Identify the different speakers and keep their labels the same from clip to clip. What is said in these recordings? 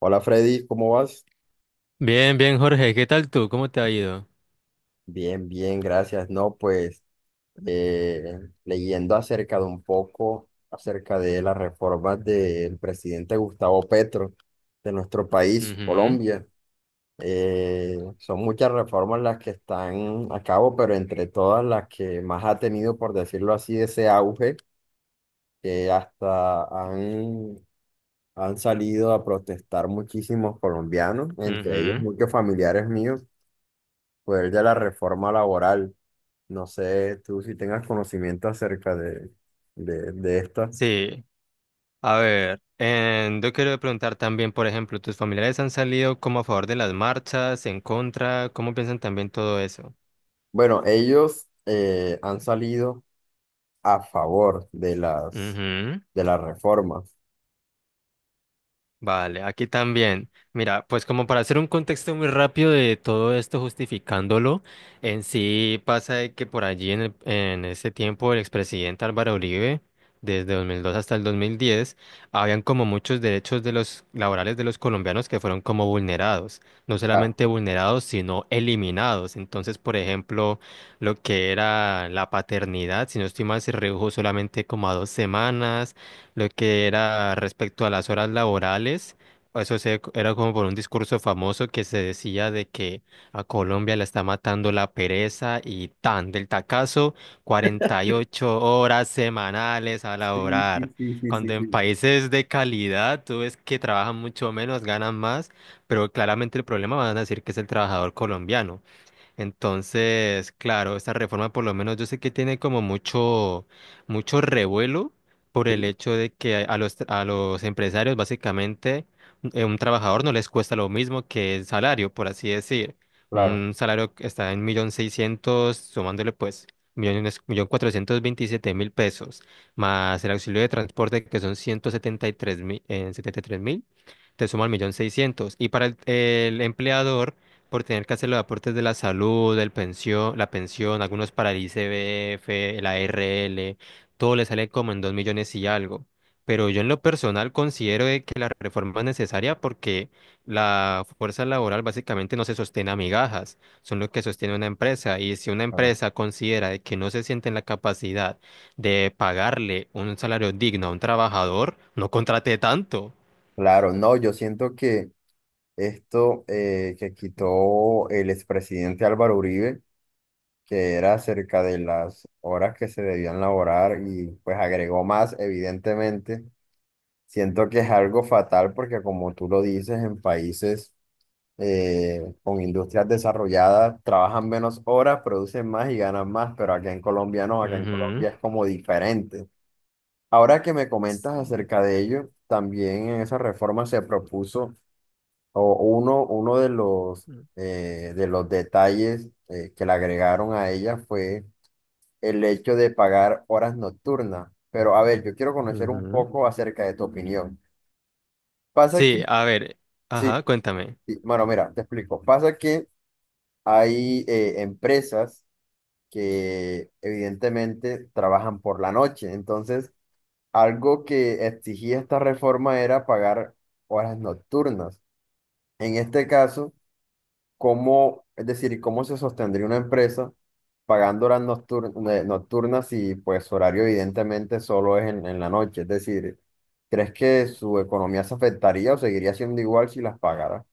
Speaker 1: Hola Freddy, ¿cómo vas?
Speaker 2: Bien, bien, Jorge, ¿qué tal tú? ¿Cómo te ha ido?
Speaker 1: Bien, bien, gracias. No, pues leyendo acerca de un poco, acerca de las reformas del presidente Gustavo Petro de nuestro país,
Speaker 2: Ujú,
Speaker 1: Colombia. Son muchas reformas las que están a cabo, pero entre todas las que más ha tenido, por decirlo así, ese auge, que han salido a protestar muchísimos colombianos, entre ellos
Speaker 2: ujú.
Speaker 1: muchos familiares míos fue el de la reforma laboral. No sé tú si tengas conocimiento acerca de estas.
Speaker 2: Sí, a ver, yo quiero preguntar también, por ejemplo, ¿tus familiares han salido como a favor de las marchas, en contra? ¿Cómo piensan también todo eso?
Speaker 1: Bueno, ellos han salido a favor de
Speaker 2: Ujú.
Speaker 1: de las reformas.
Speaker 2: Vale, aquí también. Mira, pues como para hacer un contexto muy rápido de todo esto justificándolo, en sí pasa de que por allí en ese tiempo el expresidente Álvaro Uribe, desde 2002 hasta el 2010, habían como muchos derechos de los laborales de los colombianos que fueron como vulnerados, no
Speaker 1: ah
Speaker 2: solamente vulnerados, sino eliminados. Entonces, por ejemplo, lo que era la paternidad, si no estoy mal, se redujo solamente como a dos semanas lo que era respecto a las horas laborales. Era como por un discurso famoso que se decía de que a Colombia la está matando la pereza y tan del tacazo, 48 horas semanales a
Speaker 1: Sí, sí,
Speaker 2: laborar.
Speaker 1: sí, sí, sí,
Speaker 2: Cuando en
Speaker 1: sí.
Speaker 2: países de calidad tú ves que trabajan mucho menos, ganan más, pero claramente el problema van a decir que es el trabajador colombiano. Entonces, claro, esta reforma por lo menos yo sé que tiene como mucho, mucho revuelo por el
Speaker 1: Sí,
Speaker 2: hecho de que a los empresarios básicamente un trabajador no les cuesta lo mismo que el salario, por así decir.
Speaker 1: claro,
Speaker 2: Un salario que está en millón seiscientos, sumándole pues millones, 1.427.000 pesos, más el auxilio de transporte que son 173.000, 73.000, te suman millón seiscientos. Y para el empleador por tener que hacer los aportes de la salud, el pensión, la pensión, algunos para el ICBF, la ARL, todo le sale como en dos millones y algo. Pero yo en lo personal considero de que la reforma es necesaria porque la fuerza laboral básicamente no se sostiene a migajas, son lo que sostiene una empresa. Y si una
Speaker 1: claro.
Speaker 2: empresa considera de que no se siente en la capacidad de pagarle un salario digno a un trabajador, no contrate tanto.
Speaker 1: Claro, no, yo siento que esto que quitó el expresidente Álvaro Uribe, que era acerca de las horas que se debían laborar y pues agregó más, evidentemente. Siento que es algo fatal porque como tú lo dices, en países con industrias desarrolladas trabajan menos horas, producen más y ganan más, pero acá en Colombia no, acá en
Speaker 2: Ujú.
Speaker 1: Colombia es como diferente. Ahora que me comentas acerca de ello, también en esa reforma se propuso o uno de de los detalles que le agregaron a ella fue el hecho de pagar horas nocturnas. Pero a ver, yo quiero conocer un
Speaker 2: Ujú.
Speaker 1: poco acerca de tu opinión. Pasa que...
Speaker 2: Sí, a ver,
Speaker 1: Sí,
Speaker 2: ajá, cuéntame.
Speaker 1: y, bueno, mira, te explico. Pasa que hay empresas que evidentemente trabajan por la noche. Entonces, algo que exigía esta reforma era pagar horas nocturnas. En este caso, ¿cómo, es decir, cómo se sostendría una empresa pagando nocturnas y pues su horario evidentemente solo es en la noche? Es decir, ¿crees que su economía se afectaría o seguiría siendo igual si las pagara?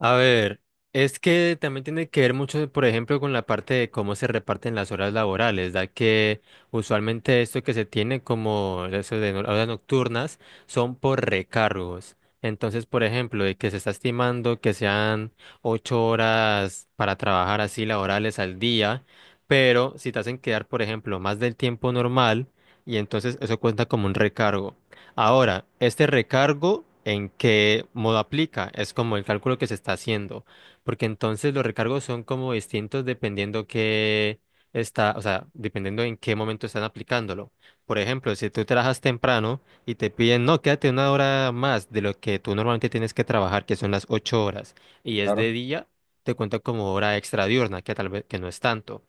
Speaker 2: A ver, es que también tiene que ver mucho, por ejemplo, con la parte de cómo se reparten las horas laborales, da que usualmente esto que se tiene como eso de horas nocturnas son por recargos. Entonces, por ejemplo, de que se está estimando que sean ocho horas para trabajar así laborales al día, pero si te hacen quedar, por ejemplo, más del tiempo normal, y entonces eso cuenta como un recargo. Ahora, este recargo, ¿en qué modo aplica? Es como el cálculo que se está haciendo, porque entonces los recargos son como distintos dependiendo qué está, o sea, dependiendo en qué momento están aplicándolo. Por ejemplo, si tú trabajas temprano y te piden, no, quédate una hora más de lo que tú normalmente tienes que trabajar, que son las ocho horas, y es
Speaker 1: Claro.
Speaker 2: de día, te cuenta como hora extra diurna, que tal vez que no es tanto.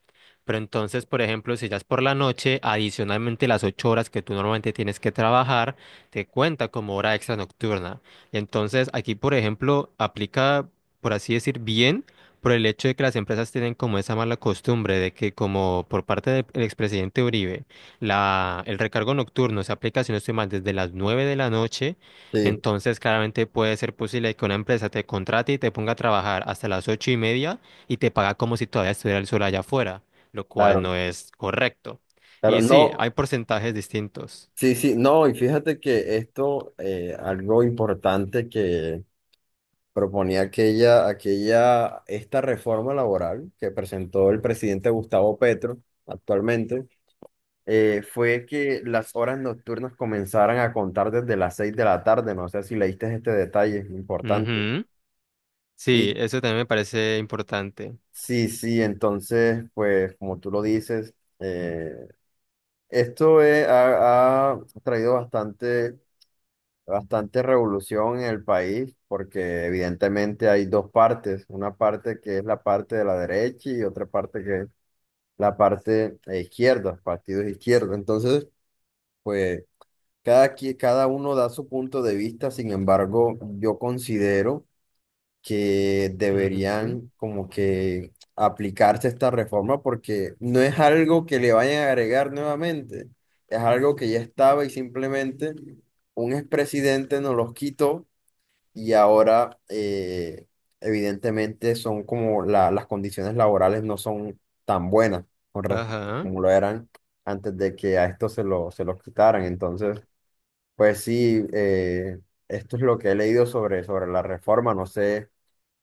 Speaker 2: Pero entonces, por ejemplo, si ya es por la noche, adicionalmente las ocho horas que tú normalmente tienes que trabajar, te cuenta como hora extra nocturna. Entonces, aquí, por ejemplo, aplica, por así decir, bien por el hecho de que las empresas tienen como esa mala costumbre de que como por parte del expresidente Uribe, el recargo nocturno se aplica, si no estoy mal, desde las 9 de la noche,
Speaker 1: Sí,
Speaker 2: entonces claramente puede ser posible que una empresa te contrate y te ponga a trabajar hasta las ocho y media y te paga como si todavía estuviera el sol allá afuera, lo cual
Speaker 1: claro.
Speaker 2: no es correcto.
Speaker 1: Claro,
Speaker 2: Y sí,
Speaker 1: no.
Speaker 2: hay porcentajes distintos.
Speaker 1: Sí, sí, no, y fíjate que esto, algo importante que proponía esta reforma laboral que presentó el presidente Gustavo Petro actualmente, fue que las horas nocturnas comenzaran a contar desde las seis de la tarde, no sé si leíste este detalle, es importante.
Speaker 2: Ujú. Sí,
Speaker 1: Y
Speaker 2: eso también me parece importante.
Speaker 1: sí, sí, entonces, pues como tú lo dices, eh, esto ha traído bastante bastante revolución en el país porque evidentemente hay dos partes, una parte que es la parte de la derecha y otra parte que es la parte izquierda, partidos de. Entonces, pues cada uno da su punto de vista. Sin embargo, yo considero que
Speaker 2: Ujú,
Speaker 1: deberían como que aplicarse esta reforma porque no es algo que le vayan a agregar nuevamente, es algo que ya estaba y simplemente un expresidente nos los quitó y ahora evidentemente son como las condiciones laborales no son tan buenas con respecto a
Speaker 2: ajá.
Speaker 1: como lo eran antes de que a esto se los quitaran. Entonces, pues sí, esto es lo que he leído sobre la reforma. No sé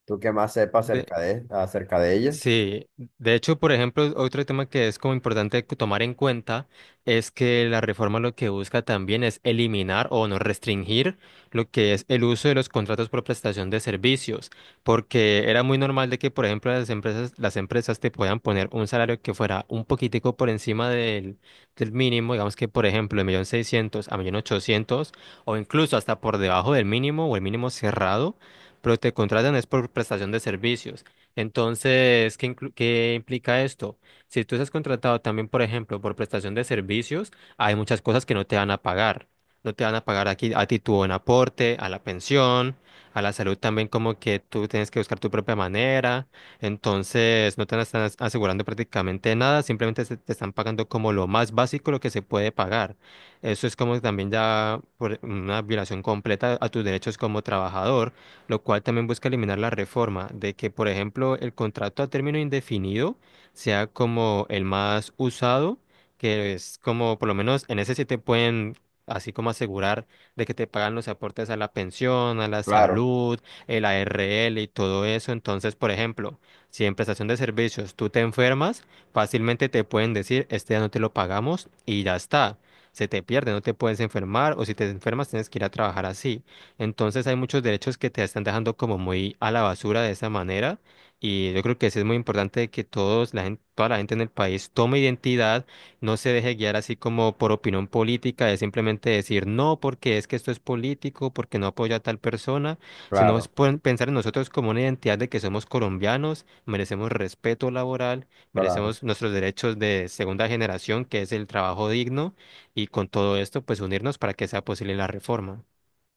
Speaker 1: tú qué más sepas
Speaker 2: De-
Speaker 1: acerca acerca de ella.
Speaker 2: Sí, de hecho, por ejemplo, otro tema que es como importante tomar en cuenta es que la reforma lo que busca también es eliminar o no restringir lo que es el uso de los contratos por prestación de servicios, porque era muy normal de que, por ejemplo, las empresas te puedan poner un salario que fuera un poquitico por encima del mínimo, digamos que, por ejemplo, de un millón seiscientos a un millón ochocientos, o incluso hasta por debajo del mínimo o el mínimo cerrado, pero te contratan es por prestación de servicios. Entonces, ¿qué implica esto? Si tú estás contratado también, por ejemplo, por prestación de servicios, hay muchas cosas que no te van a pagar. No te van a pagar aquí a ti tu buen aporte, a la pensión, a la salud también como que tú tienes que buscar tu propia manera. Entonces, no te están asegurando prácticamente nada, simplemente te están pagando como lo más básico, lo que se puede pagar. Eso es como también ya por una violación completa a tus derechos como trabajador, lo cual también busca eliminar la reforma de que, por ejemplo, el contrato a término indefinido sea como el más usado, que es como, por lo menos en ese sí te pueden... así como asegurar de que te pagan los aportes a la pensión, a la
Speaker 1: Claro,
Speaker 2: salud, el ARL y todo eso. Entonces, por ejemplo, si en prestación de servicios tú te enfermas, fácilmente te pueden decir, este ya no te lo pagamos y ya está. Se te pierde, no te puedes enfermar o si te enfermas tienes que ir a trabajar así. Entonces hay muchos derechos que te están dejando como muy a la basura de esa manera y yo creo que sí es muy importante que todos la gente, toda la gente en el país tome identidad, no se deje guiar así como por opinión política de simplemente decir no porque es que esto es político, porque no apoya a tal persona, sino es
Speaker 1: claro,
Speaker 2: pensar en nosotros como una identidad de que somos colombianos, merecemos respeto laboral,
Speaker 1: claro.
Speaker 2: merecemos nuestros derechos de segunda generación, que es el trabajo digno y con todo esto pues unirnos para que sea posible la reforma.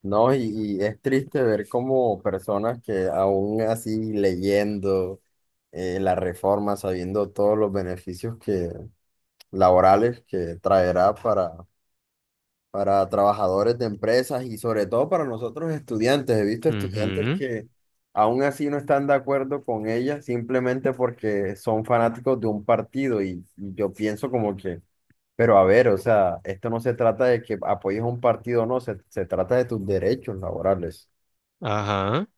Speaker 1: No, y es triste ver como personas que aún así leyendo la reforma, sabiendo todos los beneficios laborales que traerá para trabajadores de empresas y sobre todo para nosotros estudiantes. He visto estudiantes
Speaker 2: Ujú.
Speaker 1: que aún así no están de acuerdo con ella simplemente porque son fanáticos de un partido y yo pienso como que, pero a ver, o sea, esto no se trata de que apoyes a un partido o no, se trata de tus derechos laborales.
Speaker 2: Ajá,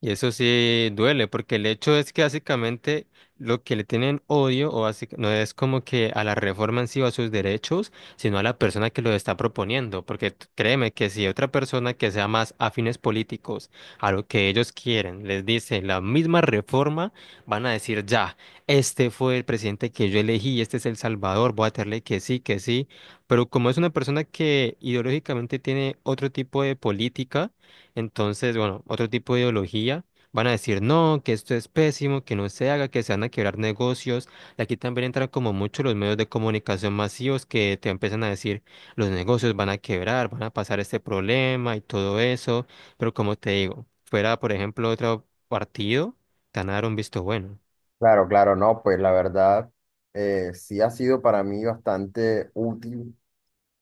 Speaker 2: y eso sí duele, porque el hecho es que básicamente lo que le tienen odio o no es como que a la reforma en sí o a sus derechos, sino a la persona que lo está proponiendo, porque créeme que si otra persona que sea más afines políticos a lo que ellos quieren les dice la misma reforma, van a decir ya, este fue el presidente que yo elegí, este es El Salvador, voy a tenerle que sí, pero como es una persona que ideológicamente tiene otro tipo de política, entonces, bueno, otro tipo de ideología van a decir, no, que esto es pésimo, que no se haga, que se van a quebrar negocios. Y aquí también entran como mucho los medios de comunicación masivos que te empiezan a decir, los negocios van a quebrar, van a pasar este problema y todo eso. Pero como te digo, fuera, por ejemplo, otro partido, te van a dar un visto bueno.
Speaker 1: Claro, claro, no, pues la verdad sí ha sido para mí bastante útil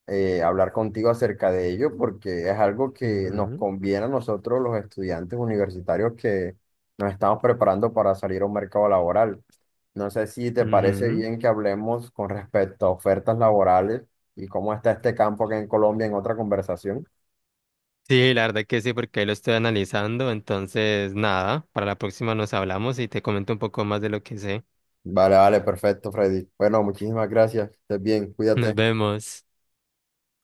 Speaker 1: hablar contigo acerca de ello porque es algo que nos
Speaker 2: Ujú,
Speaker 1: conviene a nosotros los estudiantes universitarios que nos estamos preparando para salir a un mercado laboral. No sé si te parece
Speaker 2: ujú.
Speaker 1: bien que hablemos con respecto a ofertas laborales y cómo está este campo aquí en Colombia en otra conversación.
Speaker 2: Sí, la verdad que sí, porque ahí lo estoy analizando. Entonces, nada, para la próxima nos hablamos y te comento un poco más de lo que sé.
Speaker 1: Vale, vale, perfecto, Freddy. Bueno, muchísimas gracias. Estés bien,
Speaker 2: Nos
Speaker 1: cuídate.
Speaker 2: vemos.